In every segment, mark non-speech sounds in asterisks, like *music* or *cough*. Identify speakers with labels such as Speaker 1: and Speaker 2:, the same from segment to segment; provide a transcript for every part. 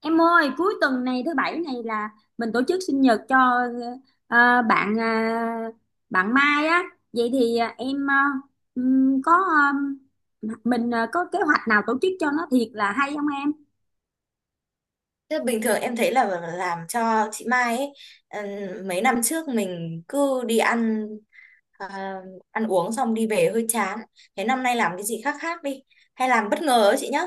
Speaker 1: Em ơi, cuối tuần này thứ bảy này là mình tổ chức sinh nhật cho ờ, bạn ờ, bạn Mai á. Vậy thì ừm, có ờ, mình có kế hoạch nào tổ chức cho nó thiệt là hay không em?
Speaker 2: Thế bình thường em thấy là làm cho chị Mai ấy, mấy năm trước mình cứ đi ăn ờ, ăn uống xong đi về hơi chán. Thế năm nay làm cái gì khác khác đi, hay làm bất ngờ ấy chị nhá.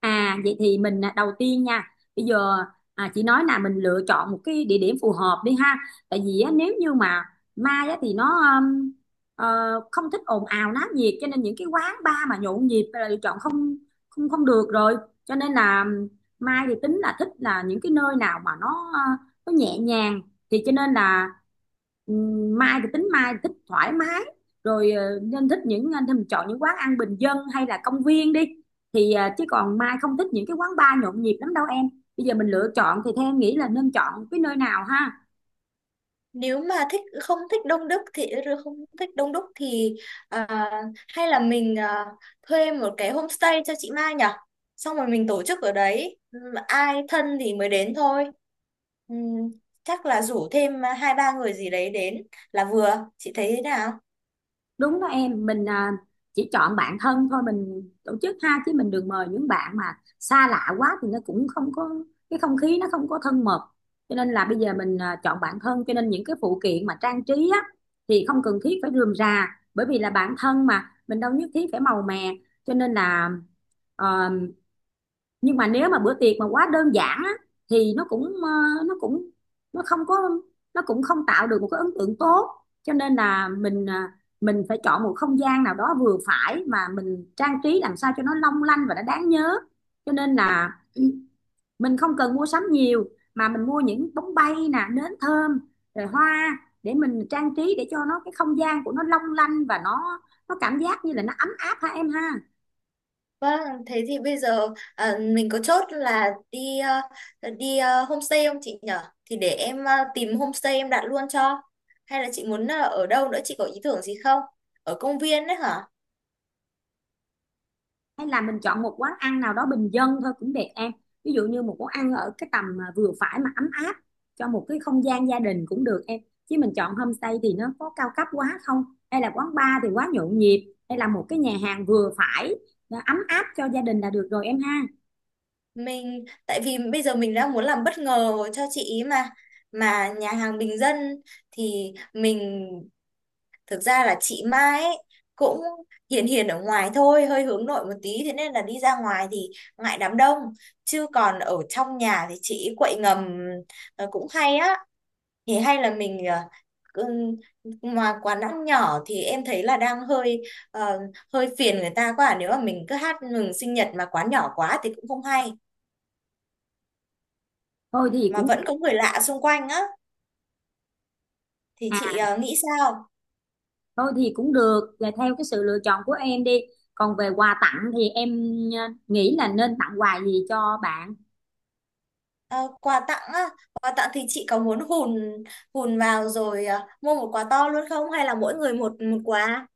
Speaker 1: À vậy thì mình đầu tiên nha, bây giờ chị nói là mình lựa chọn một cái địa điểm phù hợp đi ha, tại vì á, nếu như mà mai á, thì nó um, ờ, không thích ồn ào náo nhiệt, cho nên những cái quán bar mà nhộn nhịp là lựa chọn không không không được rồi. Cho nên là mai thì tính là thích là những cái nơi nào mà nó nhẹ nhàng. Thì cho nên là mai thì thích thoải mái, rồi nên mình chọn những quán ăn bình dân hay là công viên đi, thì chứ còn Mai không thích những cái quán bar nhộn nhịp lắm đâu em. Bây giờ mình lựa chọn thì theo em nghĩ là nên chọn cái nơi nào ha?
Speaker 2: Nếu mà thích không thích đông đúc thì không thích đông đúc thì, ờ, hay là mình thuê một cái homestay cho chị Mai nhở? Xong rồi mình tổ chức ở đấy. Ai thân thì mới đến thôi. Ừm, Chắc là rủ thêm hai ba người gì đấy đến là vừa. Chị thấy thế nào?
Speaker 1: Đúng đó em, mình chỉ chọn bạn thân thôi mình tổ chức ha, chứ mình đừng mời những bạn mà xa lạ quá thì nó cũng không có cái không khí, nó không có thân mật. Cho nên là bây giờ mình chọn bạn thân, cho nên những cái phụ kiện mà trang trí á thì không cần thiết phải rườm rà, bởi vì là bạn thân mà mình đâu nhất thiết phải màu mè. Cho nên là ờ, nhưng mà nếu mà bữa tiệc mà quá đơn giản á, thì nó cũng ờ, nó cũng nó không có nó cũng không tạo được một cái ấn tượng tốt. Cho nên là mình mình phải chọn một không gian nào đó vừa phải mà mình trang trí làm sao cho nó long lanh và nó đáng nhớ. Cho nên là *clears throat* mình không cần mua sắm nhiều, mà mình mua những bóng bay nè, nến thơm rồi hoa để mình trang trí, để cho nó cái không gian của nó long lanh và nó cảm giác như là nó ấm áp ha em ha.
Speaker 2: Vâng, thế thì bây giờ mình có chốt là đi homestay không chị nhở? Thì để em tìm homestay em đặt luôn cho. Hay là chị muốn ở đâu nữa, chị có ý tưởng gì không? Ở công viên đấy hả?
Speaker 1: Hay là mình chọn một quán ăn nào đó bình dân thôi cũng đẹp em, ví dụ như một quán ăn ở cái tầm mà vừa phải mà ấm áp, cho một cái không gian gia đình cũng được em. Chứ mình chọn homestay thì nó có cao cấp quá không, hay là quán bar thì quá nhộn nhịp, hay là một cái nhà hàng vừa phải nó ấm áp cho gia đình là được rồi em ha.
Speaker 2: Mình tại vì bây giờ mình đã muốn làm bất ngờ cho chị ý mà nhà hàng bình dân thì mình— thực ra là chị Mai ấy, cũng hiền hiền ở ngoài thôi, hơi hướng nội một tí, thế nên là đi ra ngoài thì ngại đám đông, chứ còn ở trong nhà thì chị quậy ngầm, cũng hay á. Thì hay là mình cứ- mà quán ăn nhỏ thì em thấy là đang ờ, hơi phiền người ta quá. À. Nếu mà mình cứ hát mừng sinh nhật mà quán nhỏ quá thì cũng không hay,
Speaker 1: thôi thì
Speaker 2: mà
Speaker 1: cũng
Speaker 2: vẫn
Speaker 1: được
Speaker 2: có người lạ xung quanh á, thì
Speaker 1: à
Speaker 2: chị nghĩ sao?
Speaker 1: Thôi thì cũng được, là theo cái sự lựa chọn của em đi. Còn về quà tặng thì em nghĩ là nên tặng quà gì cho bạn?
Speaker 2: Ờ, quà tặng á, quà tặng thì chị có muốn hùn hùn vào rồi, mua một quà to luôn, không hay là mỗi người một một quà?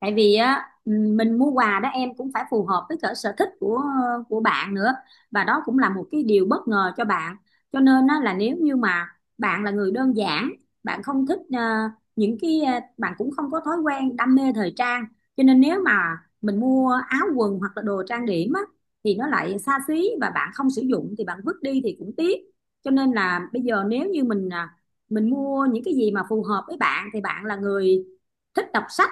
Speaker 1: Tại vì á, mình mua quà đó em cũng phải phù hợp với cả sở thích của bạn nữa, và đó cũng là một cái điều bất ngờ cho bạn. Cho nên á là nếu như mà bạn là người đơn giản, bạn không thích bạn cũng không có thói quen đam mê thời trang, cho nên nếu mà mình mua áo quần hoặc là đồ trang điểm á thì nó lại xa xí và bạn không sử dụng thì bạn vứt đi thì cũng tiếc. Cho nên là bây giờ nếu như mình mình mua những cái gì mà phù hợp với bạn, thì bạn là người thích đọc sách,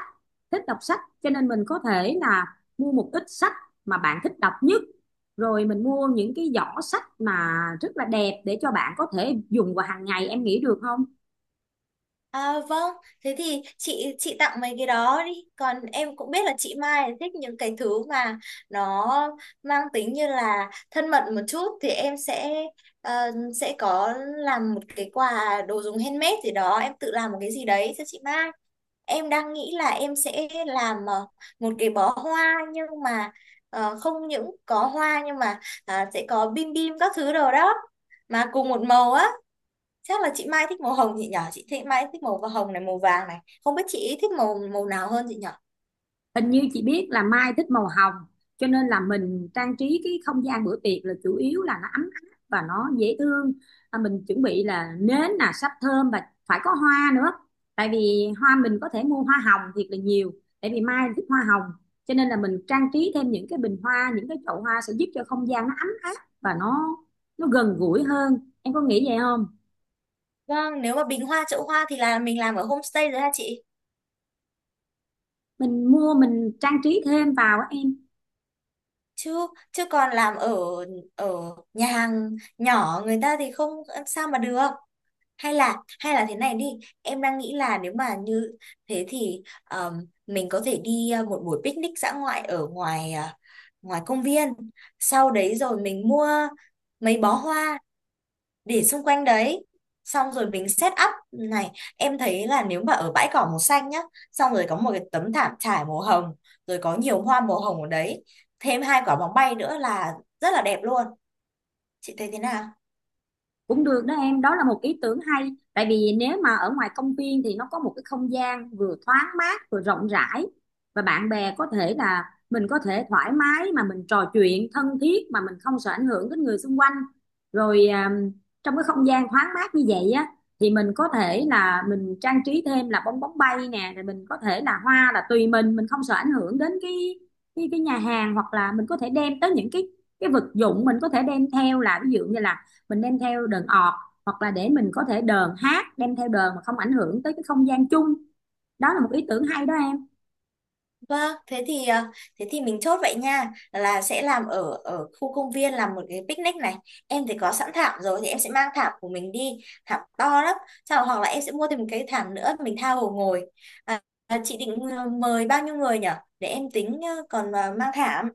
Speaker 1: thích đọc sách, cho nên mình có thể là mua một ít sách mà bạn thích đọc nhất, rồi mình mua những cái giỏ sách mà rất là đẹp để cho bạn có thể dùng vào hàng ngày, em nghĩ được không?
Speaker 2: À, vâng, thế thì chị tặng mấy cái đó đi. Còn em cũng biết là chị Mai thích những cái thứ mà nó mang tính như là thân mật một chút, thì em sẽ ờ, sẽ có làm một cái quà đồ dùng handmade gì đó, em tự làm một cái gì đấy cho chị Mai. Em đang nghĩ là em sẽ làm một cái bó hoa, nhưng mà không những có hoa nhưng mà, sẽ có bim bim các thứ đồ đó mà cùng một màu á. Chắc là chị Mai thích màu hồng chị nhỏ, chị thích Mai thích màu và hồng này, màu vàng này, không biết chị thích màu màu nào hơn chị nhỏ.
Speaker 1: Hình như chị biết là Mai thích màu hồng, cho nên là mình trang trí cái không gian bữa tiệc là chủ yếu là nó ấm áp và nó dễ thương. Mình chuẩn bị là nến, là sáp thơm, và phải có hoa nữa, tại vì hoa mình có thể mua hoa hồng thiệt là nhiều, tại vì Mai thích hoa hồng. Cho nên là mình trang trí thêm những cái bình hoa, những cái chậu hoa, sẽ giúp cho không gian nó ấm áp và nó gần gũi hơn, em có nghĩ vậy không?
Speaker 2: Vâng, nếu mà bình hoa chậu hoa thì là mình làm ở homestay rồi ha chị,
Speaker 1: Mình mua, mình trang trí thêm vào á em.
Speaker 2: chứ chứ còn làm ở ở nhà hàng nhỏ người ta thì không sao mà được. Hay là thế này đi, em đang nghĩ là nếu mà như thế thì, um, mình có thể đi một buổi picnic dã ngoại ở ngoài, ngoài công viên, sau đấy rồi mình mua mấy bó hoa để xung quanh đấy, xong rồi mình set up này. Em thấy là nếu mà ở bãi cỏ màu xanh nhá, xong rồi có một cái tấm thảm trải màu hồng, rồi có nhiều hoa màu hồng ở đấy, thêm hai quả bóng bay nữa là rất là đẹp luôn. Chị thấy thế nào?
Speaker 1: Cũng được đó em, đó là một ý tưởng hay, tại vì nếu mà ở ngoài công viên thì nó có một cái không gian vừa thoáng mát vừa rộng rãi, và bạn bè có thể là mình có thể thoải mái mà mình trò chuyện thân thiết, mà mình không sợ ảnh hưởng đến người xung quanh. Rồi trong cái không gian thoáng mát như vậy á thì mình có thể là mình trang trí thêm là bong bóng bay nè, rồi mình có thể là hoa là tùy mình không sợ ảnh hưởng đến cái nhà hàng, hoặc là mình có thể đem tới những cái vật dụng mình có thể đem theo, là ví dụ như là mình đem theo đờn ọt, hoặc là để mình có thể đờn hát, đem theo đờn mà không ảnh hưởng tới cái không gian chung. Đó là một ý tưởng hay đó em.
Speaker 2: Vâng, thế thì thế thì mình chốt vậy nha, là sẽ làm ở ở khu công viên, làm một cái picnic này. Em thì có sẵn thảm rồi thì em sẽ mang thảm của mình đi, thảm to lắm, sau hoặc là em sẽ mua thêm một cái thảm nữa mình tha hồ ngồi. à, chị định mời bao nhiêu người nhở, để em tính còn mang thảm.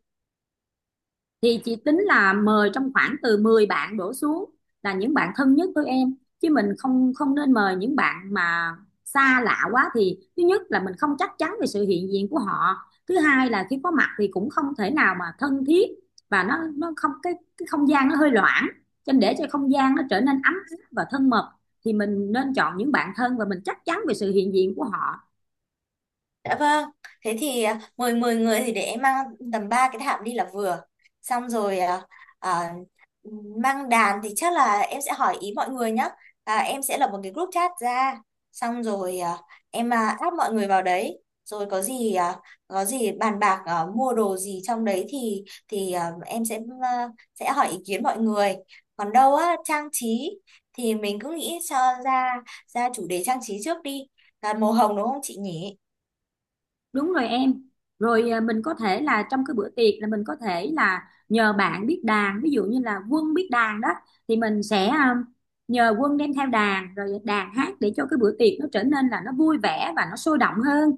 Speaker 1: Thì chị tính là mời trong khoảng từ 10 bạn đổ xuống, là những bạn thân nhất với em, chứ mình không không nên mời những bạn mà xa lạ quá, thì thứ nhất là mình không chắc chắn về sự hiện diện của họ, thứ hai là khi có mặt thì cũng không thể nào mà thân thiết, và nó không cái, cái không gian nó hơi loãng. Cho nên để cho không gian nó trở nên ấm áp và thân mật, thì mình nên chọn những bạn thân và mình chắc chắn về sự hiện diện của họ.
Speaker 2: Dạ vâng, thế thì mời 10 người thì để em mang tầm 3 cái thảm đi là vừa. Xong rồi, à, mang đàn thì chắc là em sẽ hỏi ý mọi người nhé. À, em sẽ lập một cái group chat ra. Xong rồi em add mọi người vào đấy. Rồi có gì có gì bàn bạc mua đồ gì trong đấy thì thì em sẽ sẽ hỏi ý kiến mọi người. Còn đâu á, trang trí thì mình cứ nghĩ cho ra ra chủ đề trang trí trước đi. Là màu hồng đúng không chị nhỉ?
Speaker 1: Đúng rồi em. Rồi mình có thể là trong cái bữa tiệc là mình có thể là nhờ bạn biết đàn, ví dụ như là Quân biết đàn đó, thì mình sẽ nhờ Quân đem theo đàn rồi đàn hát, để cho cái bữa tiệc nó trở nên là nó vui vẻ và nó sôi động hơn.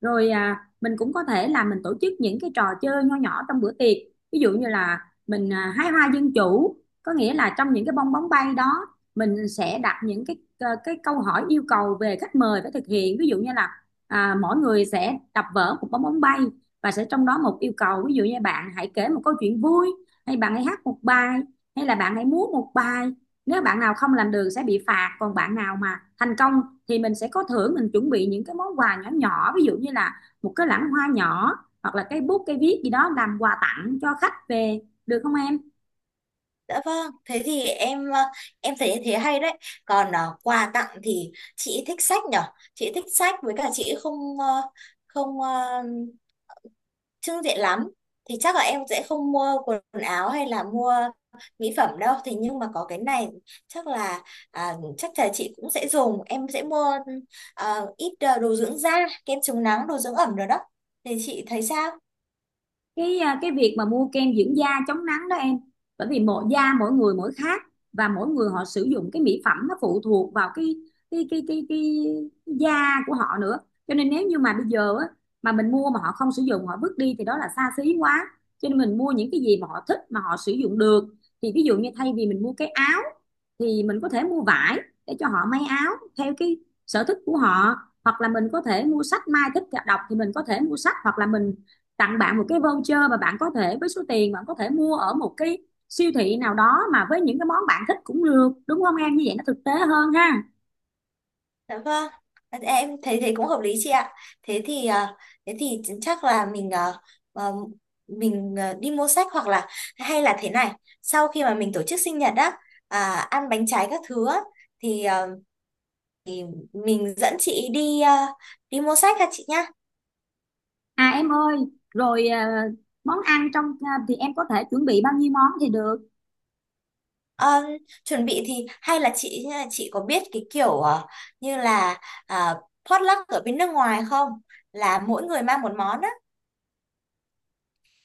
Speaker 1: Rồi mình cũng có thể là mình tổ chức những cái trò chơi nho nhỏ trong bữa tiệc, ví dụ như là mình hái hoa dân chủ, có nghĩa là trong những cái bong bóng bay đó mình sẽ đặt những cái câu hỏi yêu cầu về khách mời phải thực hiện. Ví dụ như là mỗi người sẽ đập vỡ một bong bóng bay, và sẽ trong đó một yêu cầu, ví dụ như bạn hãy kể một câu chuyện vui, hay bạn hãy hát một bài, hay là bạn hãy múa một bài. Nếu bạn nào không làm được sẽ bị phạt, còn bạn nào mà thành công thì mình sẽ có thưởng, mình chuẩn bị những cái món quà nhỏ nhỏ, ví dụ như là một cái lẵng hoa nhỏ, hoặc là cái bút cái viết gì đó làm quà tặng cho khách về, được không em?
Speaker 2: Dạ vâng, thế thì em thấy thế hay đấy. Còn ờ, quà tặng thì chị thích sách nhở? Chị thích sách với cả chị không trưng diện lắm. Thì chắc là em sẽ không mua quần áo hay là mua mỹ phẩm đâu. Thì nhưng mà có cái này chắc là, chắc là chị cũng sẽ dùng. Em sẽ mua ít đồ dưỡng da, kem chống nắng, đồ dưỡng ẩm rồi đó. Thì chị thấy sao?
Speaker 1: Cái việc mà mua kem dưỡng da chống nắng đó em, bởi vì mỗi da mỗi người mỗi khác, và mỗi người họ sử dụng cái mỹ phẩm nó phụ thuộc vào cái da của họ nữa. Cho nên nếu như mà bây giờ á, mà mình mua mà họ không sử dụng họ vứt đi thì đó là xa xí quá. Cho nên mình mua những cái gì mà họ thích mà họ sử dụng được, thì ví dụ như thay vì mình mua cái áo thì mình có thể mua vải để cho họ may áo theo cái sở thích của họ, hoặc là mình có thể mua sách, Mai thích đọc thì mình có thể mua sách, hoặc là mình tặng bạn một cái voucher mà bạn có thể với số tiền bạn có thể mua ở một cái siêu thị nào đó, mà với những cái món bạn thích cũng được, đúng không em? Như vậy nó thực tế hơn ha.
Speaker 2: Dạ vâng, em thấy thế cũng hợp lý chị ạ. Thế thì thế thì chắc là à, mình đi mua sách, hoặc là hay là thế này, sau khi mà mình tổ chức sinh nhật á, ăn bánh trái các thứ á, thì mình dẫn chị đi, đi mua sách ha chị nhá.
Speaker 1: À em ơi, rồi món ăn trong thì em có thể chuẩn bị bao nhiêu món thì được?
Speaker 2: Ờ, chuẩn bị thì hay là chị có biết cái kiểu như là, à, potluck ở bên nước ngoài không? Là mỗi người mang một món á.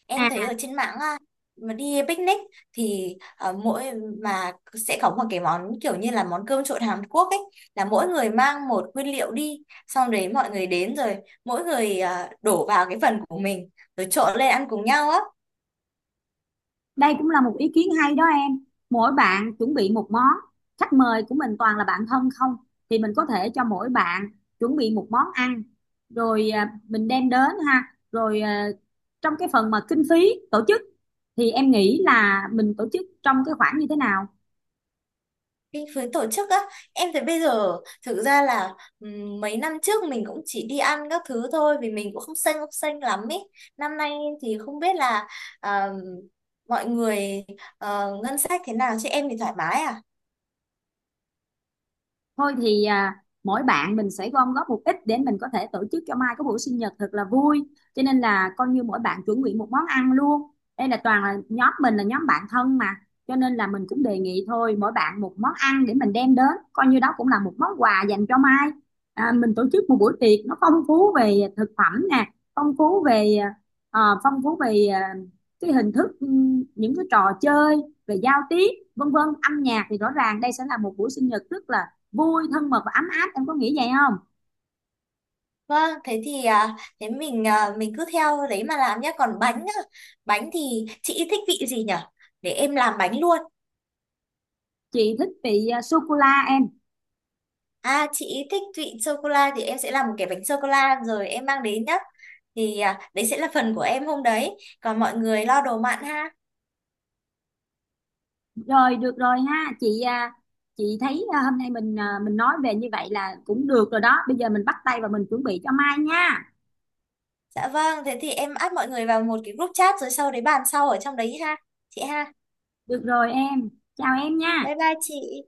Speaker 2: Em thấy
Speaker 1: À,
Speaker 2: ở trên mạng á, mà đi picnic thì ờ, mỗi mà sẽ có một cái món kiểu như là món cơm trộn Hàn Quốc ấy, là mỗi người mang một nguyên liệu đi, xong đấy mọi người đến rồi mỗi người đổ vào cái phần của mình rồi trộn lên ăn cùng nhau á.
Speaker 1: đây cũng là một ý kiến hay đó em. Mỗi bạn chuẩn bị một món, khách mời của mình toàn là bạn thân không, thì mình có thể cho mỗi bạn chuẩn bị một món ăn, rồi mình đem đến ha. Rồi trong cái phần mà kinh phí tổ chức, thì em nghĩ là mình tổ chức trong cái khoản như thế nào?
Speaker 2: Cái phía tổ chức á, em thấy bây giờ thực ra là mấy năm trước mình cũng chỉ đi ăn các thứ thôi vì mình cũng không xanh lắm ấy. Năm nay thì không biết là ờ, mọi người ngân sách thế nào, chứ em thì thoải mái à.
Speaker 1: Thôi thì mỗi bạn mình sẽ gom góp một ít để mình có thể tổ chức cho Mai có buổi sinh nhật thật là vui, cho nên là coi như mỗi bạn chuẩn bị một món ăn luôn. Đây là toàn là nhóm mình, là nhóm bạn thân mà, cho nên là mình cũng đề nghị thôi mỗi bạn một món ăn để mình đem đến, coi như đó cũng là một món quà dành cho Mai. Mình tổ chức một buổi tiệc nó phong phú về thực phẩm nè, phong phú về ờ, phong phú về ờ, cái hình thức, những cái trò chơi, về giao tiếp, vân vân, âm nhạc, thì rõ ràng đây sẽ là một buổi sinh nhật rất là vui, thân mật và ấm áp, em có nghĩ vậy không?
Speaker 2: Vâng, thế thì thế mình cứ theo đấy mà làm nhé. Còn bánh á, bánh thì chị thích vị gì nhở? Để em làm bánh luôn.
Speaker 1: Chị thích vị sô cô la em.
Speaker 2: À, chị thích vị sô cô la thì em sẽ làm một cái bánh sô cô la rồi em mang đến nhá. Thì à, đấy sẽ là phần của em hôm đấy. Còn mọi người lo đồ mặn ha.
Speaker 1: Rồi được rồi ha chị à, chị thấy hôm nay mình mình nói về như vậy là cũng được rồi đó, bây giờ mình bắt tay và mình chuẩn bị cho mai nha.
Speaker 2: Dạ vâng, thế thì em add mọi người vào một cái group chat rồi sau đấy bàn sau ở trong đấy ha chị ha.
Speaker 1: Được rồi em, chào em nha.
Speaker 2: Bye bye chị.